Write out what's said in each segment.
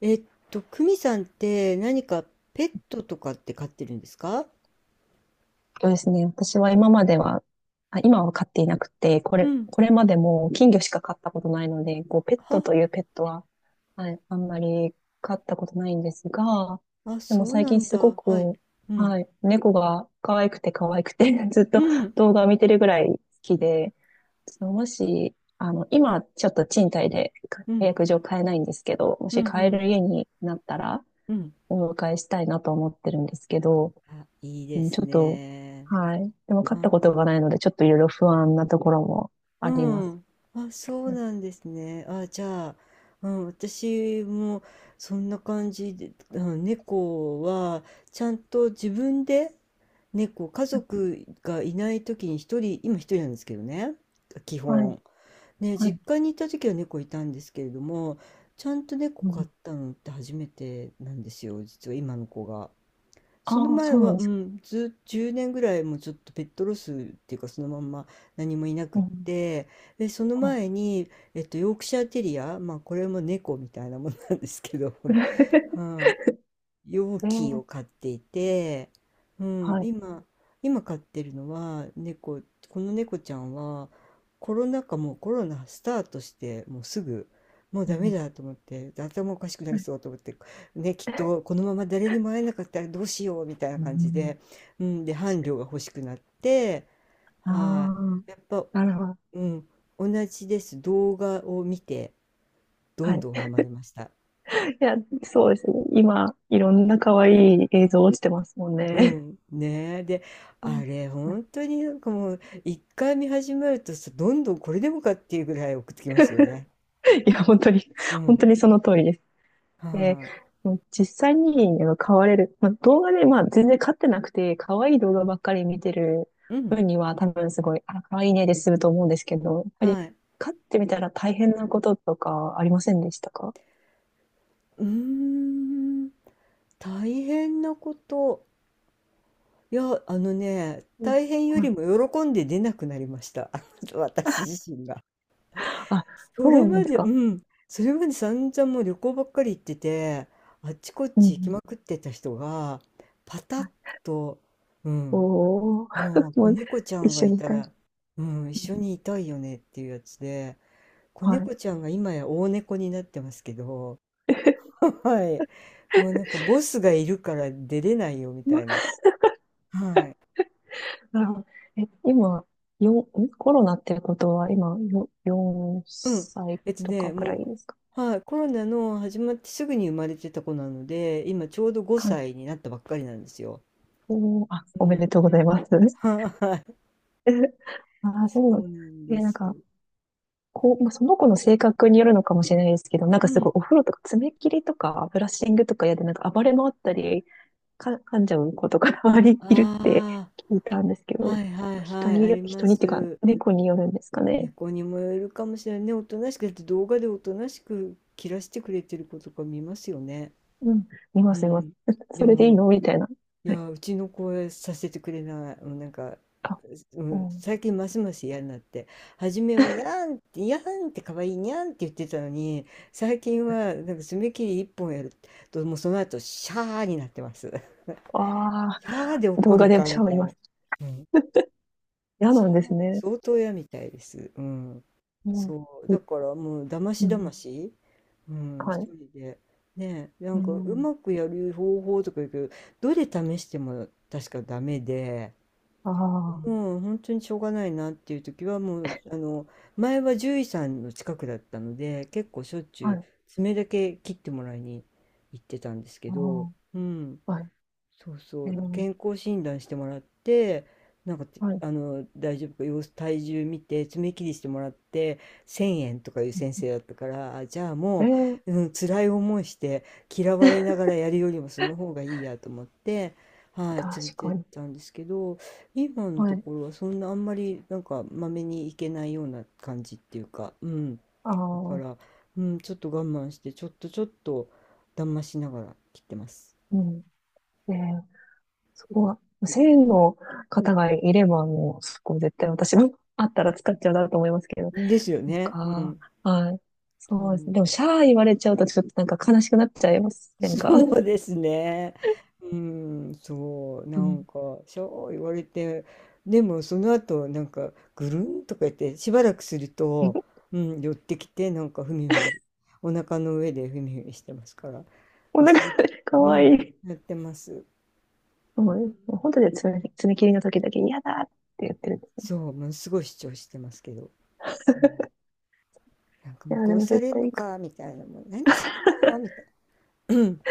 えっクミさんって何かペットとかって飼ってるんですか？そうですね。私は今までは、あ、今は飼っていなくて、こうれ、ん。これまでも金魚しか飼ったことないので、ペッは。トというペットは、はい、あんまり飼ったことないんですが、あ、でもそう最な近んすごだ。はい。く、うん。はい、猫が可愛くて可愛くて ずっうとん。動画を見てるぐらい好きで、そのもし、あの、今ちょっと賃貸でう契ん。約上買えないんですけど、もうん。うし買えん。る家になったらうん。お迎えしたいなと思ってるんですけど、あ、いいうでん、ちすょっと、ね。はい。でも勝ったこは。とがないので、ちょっといろいろ不安なところもうあります。ん。あ、そうなんですね。あ、じゃあ、うん、私もそんな感じで、うん、猫はちゃんと自分で家族がいない時に一人、今一人なんですけどね、基はい、本。ね、は実い。家に行った時は猫いたんですけれども、ちゃんと猫う飼ん、ったのって初めてなんですよ、実は今の子が。そのああ、前そうなんは、でうすか。ん、ず、10年ぐらいもうちょっとペットロスっていうかそのまんま何もいなくうっん、て、で、そのはい。前に、ヨークシャーテリア、まあこれも猫みたいなもんなんですけど、はい、容器をね、買っていて、うん、はい。今、今飼ってるのは猫、この猫ちゃんはコロナ禍、もうコロナスタートしてもうすぐもううダメん、だと思って、頭おかしくなはりいそうと思って、ねきっとこのまま誰にも会えなかったらどうしようみたいなう感じん、で、うん、で伴侶が欲しくなって、あは、あ、いやっぱ、なるほど。うん、同じです、動画を見てどはんい。どんハマりました。いや、そうですね。今、いろんな可愛い映像落ちてますもんうね。ん、ねえ。で、うあんれ、はい本当になんかもう、一回見始めるとさ、どんどんこれでもかっていうぐらい送ってきますよね。いや、本当に、う本ん。当にその通りです。で、はもう実際に飼われる、まあ、動画で、まあ、全然飼ってなくて、可愛い動画ばっかり見てるい。うん。分には、多分すごい、あ、可愛いねで済むと思うんですけど、やっぱりはい。飼ってみたら大変なこととかありませんでしたか？うーん。大変なこと。いや、あのね、うん。大変よりも喜んで出なくなりました。あの、私自身が。あ、そそれうなんまですで、うか。ん。それまで散々もう旅行ばっかり行ってて、あっちこっうんうち行きん。まくってた人が、パタはッい。と、うん。おー、まあ、も子う猫ちゃ一んが緒いにいたたい。ら、うん、一緒にいたいよねっていうやつで、子はい。猫ちゃんが今や大猫になってますけど、はい。もうなんかボスがいるから出れないよみたいな。はい。なるほど。え、今、よん、んコロナってことは今4うん。歳とかくらいもですか？う、はい、コロナの始まってすぐに生まれてた子なので、今ちょうど5歳になったばっかりなんですよ。おー、あ、おうめん。でとうございます。はい。ああ、そうなそんうなんでで、なんす。か、まあ、その子の性格によるのかもしれないですけど、なんうかすん。ごいお風呂とか爪切りとかブラッシングとかやでなんか暴れ回ったり、噛んじゃう子とか周まにいるって あ 聞いたんですけあ、ど、はいはいまあはい、ありま人にっていうか、す。猫によるんですかね。猫にもよるかもしれないね。おとなしく、だって動画でおとなしく切らしてくれてる子とか見ますよね。うん、見まうす、見ます。ん。そでれでいいも、のみたいな。いはい。や、うちの子はさせてくれない。もうなんか、あ、ううん、ん。最近ますます嫌になって、初めはにゃんって、にゃんって可愛いにゃんって言ってたのに、最近はなんか爪切り一本やると、もうその後、シャーになってます。あシャーであ、怒動画るでかシみャワーたいいまな。す。うん、嫌しなんゃですあね。相当嫌みたいです。うん。うん。そう、だいからもうだまうしだまん。し、うん、は一い。人で。ねえ、なうんかうんまくやる方法とか言うけど、どれ試しても確かダメで、ああ、もう本当にしょうがないなっていう時はもう、前は獣医さんの近くだったので、結構しょっちゅはうい。爪だけ切ってもらいに行ってたんですけど、あうん。あ、はい。そうそえう、ー、健康診断してもらって、はい。大丈夫か、様子、体重見て、爪切りしてもらって、1000円とかいう先生だったから、あじゃあえもー、う、うん、辛い思いして、嫌われながらやるよりもその方がいいやと思って、はい、連れ確てかっに。たんですけど、今のはとい。ころはそんなあんまり、なんか、まめに行けないような感じっていうか、うん。あだかあ、ら、うん、ちょっと我慢して、ちょっとちょっと、だましながら切ってます。うん。えー、そこは、1000円の方がいれば、もう、そこ絶対私も あったら使っちゃうなと思いますけど。ですよなんね。うか、ん。はい。うそうですね。ん、でも、シャー言われちゃうと、ちょっとなんか悲しくなっちゃいませんか？ そうですね。うん、そう、なうんん。か、そう言われて、でもその後、なんか、ぐるんとか言って、しばらくすると、うん、寄ってきて、なんか、ふみふみ、お腹の上でふみふみしてますから、お腹、忘れ、かうわいん、い。やってます。もううん、もう本当に爪切りの時だけ嫌だって言ってるんですよ。そう、ものすごい主張してますけど、うん、なんかいもうや、で殺もさ絶れん対のいいか。か、みたいな、もう何すんのみたいな、うん、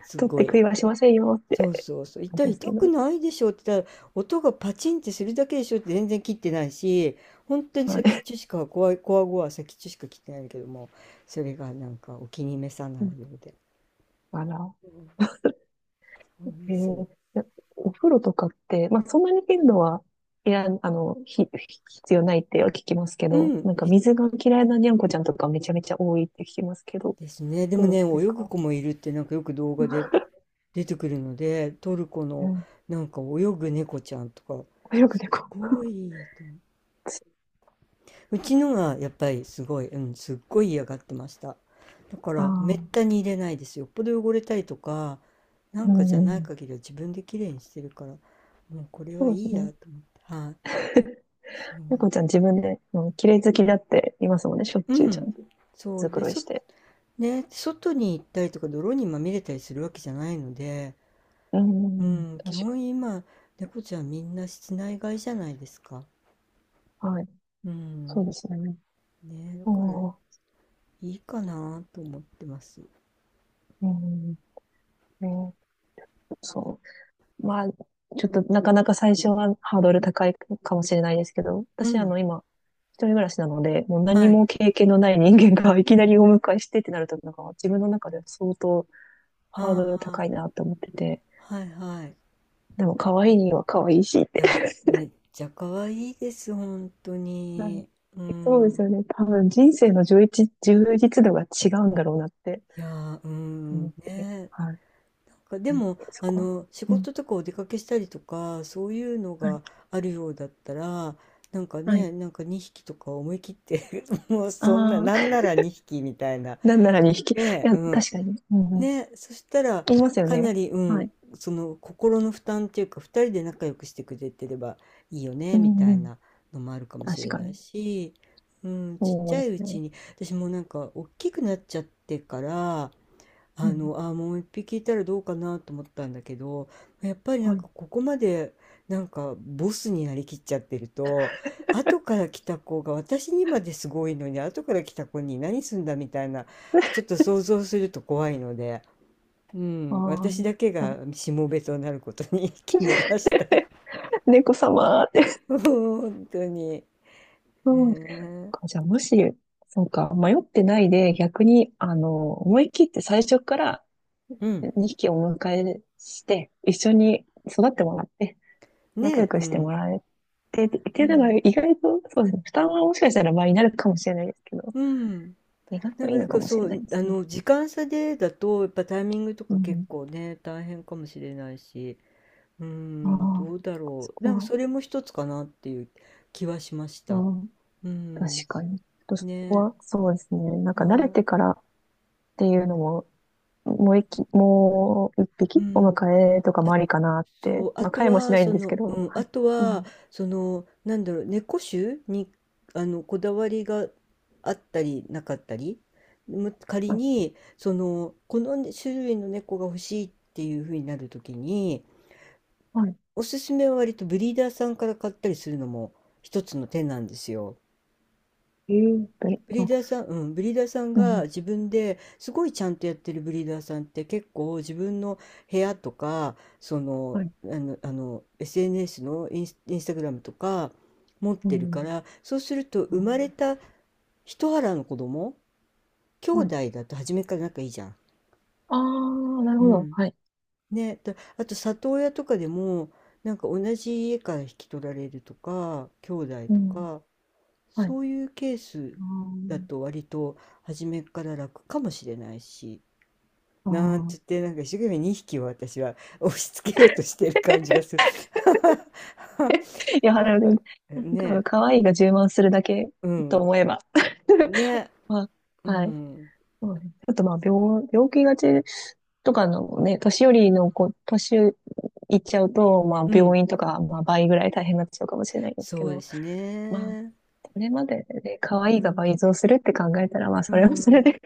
す取ってご食い、いはしませんよ。そうそうそう。なん痛でい、すけ痛くど。ないでしょって言ったら、音がパチンってするだけでしょって全然切ってないし、本当には先っい。ちょしか、こわいこわごわ先っちょしか切ってないけども、それがなんかお気に召さなうん。いようで。だから、うん、そうでえす。ー、でお風呂とかって、まあ、そんなに頻度は、いや、必要ないっては聞きますけうど、なん、んかへ水が嫌いなにゃんこちゃんとかめちゃめちゃ多いって聞きますけど、ですね。でもどね、う泳ですぐか？子もいるってなんかよく動画で出てくるので、トルコうのん。なんか泳ぐ猫ちゃんとか、よくす猫。ごいと思う。うちのがやっぱりすごい、うん、すっごい嫌がってました。だかあらめあ、ったに入れないですよ。よっぽど汚れたりとか、なんうかじゃないん。限りは自分で綺麗にしてるから、もうこれはそいうですいね。やと思って。はい。そ猫ちゃん自分で、うん、綺麗好きだって言いますもんね、しょっう。ちゅううちゃん。んと。そ毛う。で、繕いそ、して。ね、外に行ったりとか泥にまみれたりするわけじゃないので、ううん、ん、基確本今、猫ちゃんみんな室内飼いじゃないですか。か。はい。うそん。うですね。ね、だあからいあ、いかなと思ってます。うん。ね、そう。まあ、ちょっとなかなか最初はハードル高いかもしれないですけど、う私ん。今、一人暮らしなので、もう何はい。も経験のない人間が いきなりお迎えしてってなると、なんか自分の中では相当ハーあドルあ。高いなって思ってて、はいはい。でも可うん、愛いいには可愛いしって。や、めっちゃ可愛いです、本当 はい。に。うそうですん。よね。多分人生の充実度が違うんだろうなっていやー、うん、思って。ね。はい。なんかでうん。も、そあこは。の、仕うん。事とかお出かけしたりとか、そういうのはい。があるようだったら、なんかはい。ね、なんか2匹とか思い切って もうそんな、あなんあ、なら2匹みたいな。なんならに引き、いね、や、うん、確かに。うんうん。ね、そしたら言いますよかね。なり、うはん、いその心の負担っていうか、二人で仲良くしてくれてればいいようねみんたういん。なのもあるかもし確れかないに。し、うん、ちっそちうゃでいすうちね。に私もなんか大きくなっちゃってから、うあん。のあもう一匹いたらどうかなと思ったんだけど、やっぱりなはんい。かここまでなんかボスになりきっちゃってると、後から来た子が、私にまですごいのに後から来た子に何すんだみたいな、ちょっと想像すると怖いので。うあん、私だけあ、がしもべとなることに 決めました。猫様って。本当に。うん。ねじゃあ、そうか、迷ってないで、逆に、思い切って最初からえ、うん。2匹お迎えして、一緒に育ってもらって、ね仲良え、うくしてもん。らえて、ってういうのがん。意外と、そうですね、負担はもしかしたら倍になるかもしれないですけど、うん。意外なとんいか、いだのかからもしそれないう、ですあね。の、時間差でだと、やっぱタイミングとうか結ん。構ね、大変かもしれないし、うあん、あ、どうだそろう。こなんか、そは、れも一つかなっていう気はしましうた。ん。う確ん。かに。ちょっとそこねは、そうですね。なんえ、か慣れはてからっていうのも、もう一い。う匹おん。迎えとかあ、もありかなっそて。う、あまあ、と飼えもしは、ないんそですけの、うど。ん、はあい。とうは、ん。なんだろう、猫種に、あの、こだわりがあったり、なかったり、む仮あ、に、その、この種類の猫が欲しいっていうふうになるときに、はい。おすすめは割とブリーダーさんから買ったりするのも一つの手なんですよ。えーあ、ブリーダーさんうがん。自分ですごいちゃんとやってるブリーダーさんって結構自分の部屋とか、そはの、い。あの、あの SNS のインスタグラムとか持っうてるかん。ら、そうするとあー、生まれた一腹の子供、兄はい。弟だと初めから仲いいじゃん。ああ、なるうほど。ん。はい。ね、だあと里親とかでも、なんか同じ家から引き取られるとか兄弟うとん。か、はい。そういうケースあだーと割と初めから楽かもしれないし、あなんあつってなんか一生懸命2匹を私は押し付けようとしてる感じがする。い や、ななんるほかど。多分、ね、可愛いが充満するだけうとん、思えば。ね、まうあ、はい。ん、そうですね。あと、まあ、病気がちとかのね、年寄りの子、年いっちゃうと、まあ、うん、病院とか、まあ、倍ぐらい大変になっちゃうかもしれないですけそうでど、すまあ、ね。それまでで、う可愛いが倍ん、増するって考えたら、まあ、うそれはそれで ん。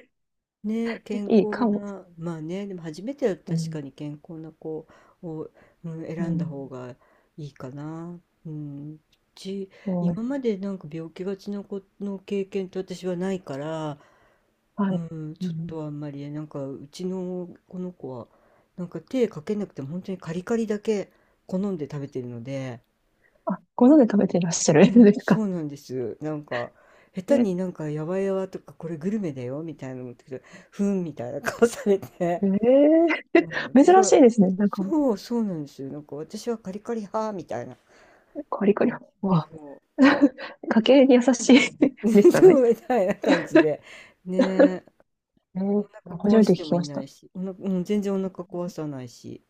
ね、健いいか康も。な、まあね、でも初めてだうと確かん。に健康な子を、うん、う選んだん。方がいいかな。うん。うち、そう、今までなんか病気がちな子の経験って私はないから、はうい。ん、うちょっん。とあんまりね、なんかうちのこの子は、なんか手かけなくても本当にカリカリだけ好んで食べてるので、あ、ご飯で食べていらっしゃるうんん、ですそか？うなんです。なんか、下手にねなんかやわやわとかこれグルメだよみたいなの持ってきて、ふんみたいな顔されて。えあえあ、じゃ珍あ、しいですね。なんか、そう、そうなんですよ。なんか私はカリカリ派みたいな感カリカじ。リ。うわ、そ家計に優しい う。でし たね。そうみたいな感じで。ねえ、えおー、腹初壊めてし聞てきもいましなた。いし、おな、うん、全然お腹壊さないし。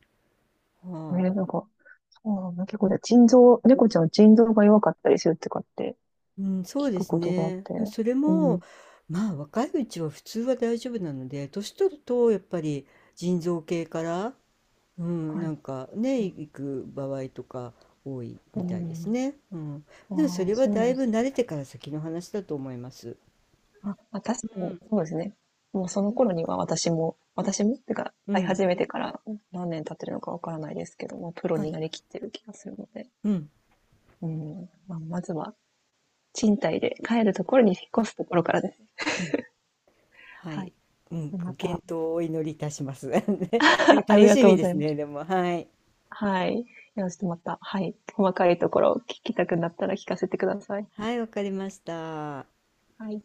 はなんか、ああ、結構ね、猫ちゃんは腎臓が弱かったりするとかってい。うん、そう聞でくすことがあっね。て。うんそれうも、ん。まあ若いうちは普通は大丈夫なので、年取るとやっぱり腎臓系から、うん、はない。んかね、行く場合とか多いうみたいですん。ね。うん。でもそああ、れはそうだなんいでぶす。慣れてから先の話だと思います。あ、まあ、確うかに、ん、そうですね。もうその頃には私もってか、う飼いん、始めてから何年経ってるのかわからないですけど、もうプロはにい。なりきってる気がするので。うん、うん。まあ、まずは、賃貸で帰るところに引っ越すところからです。うん、ははい。い、うん、まご健た、闘をお祈りいたします。ね、なんあかあり楽がしとうみごでざいすまね、す。でも、はい。はい。よろしくまた、はい。細かいところを聞きたくなったら聞かせてください。はい、わかりました。はい。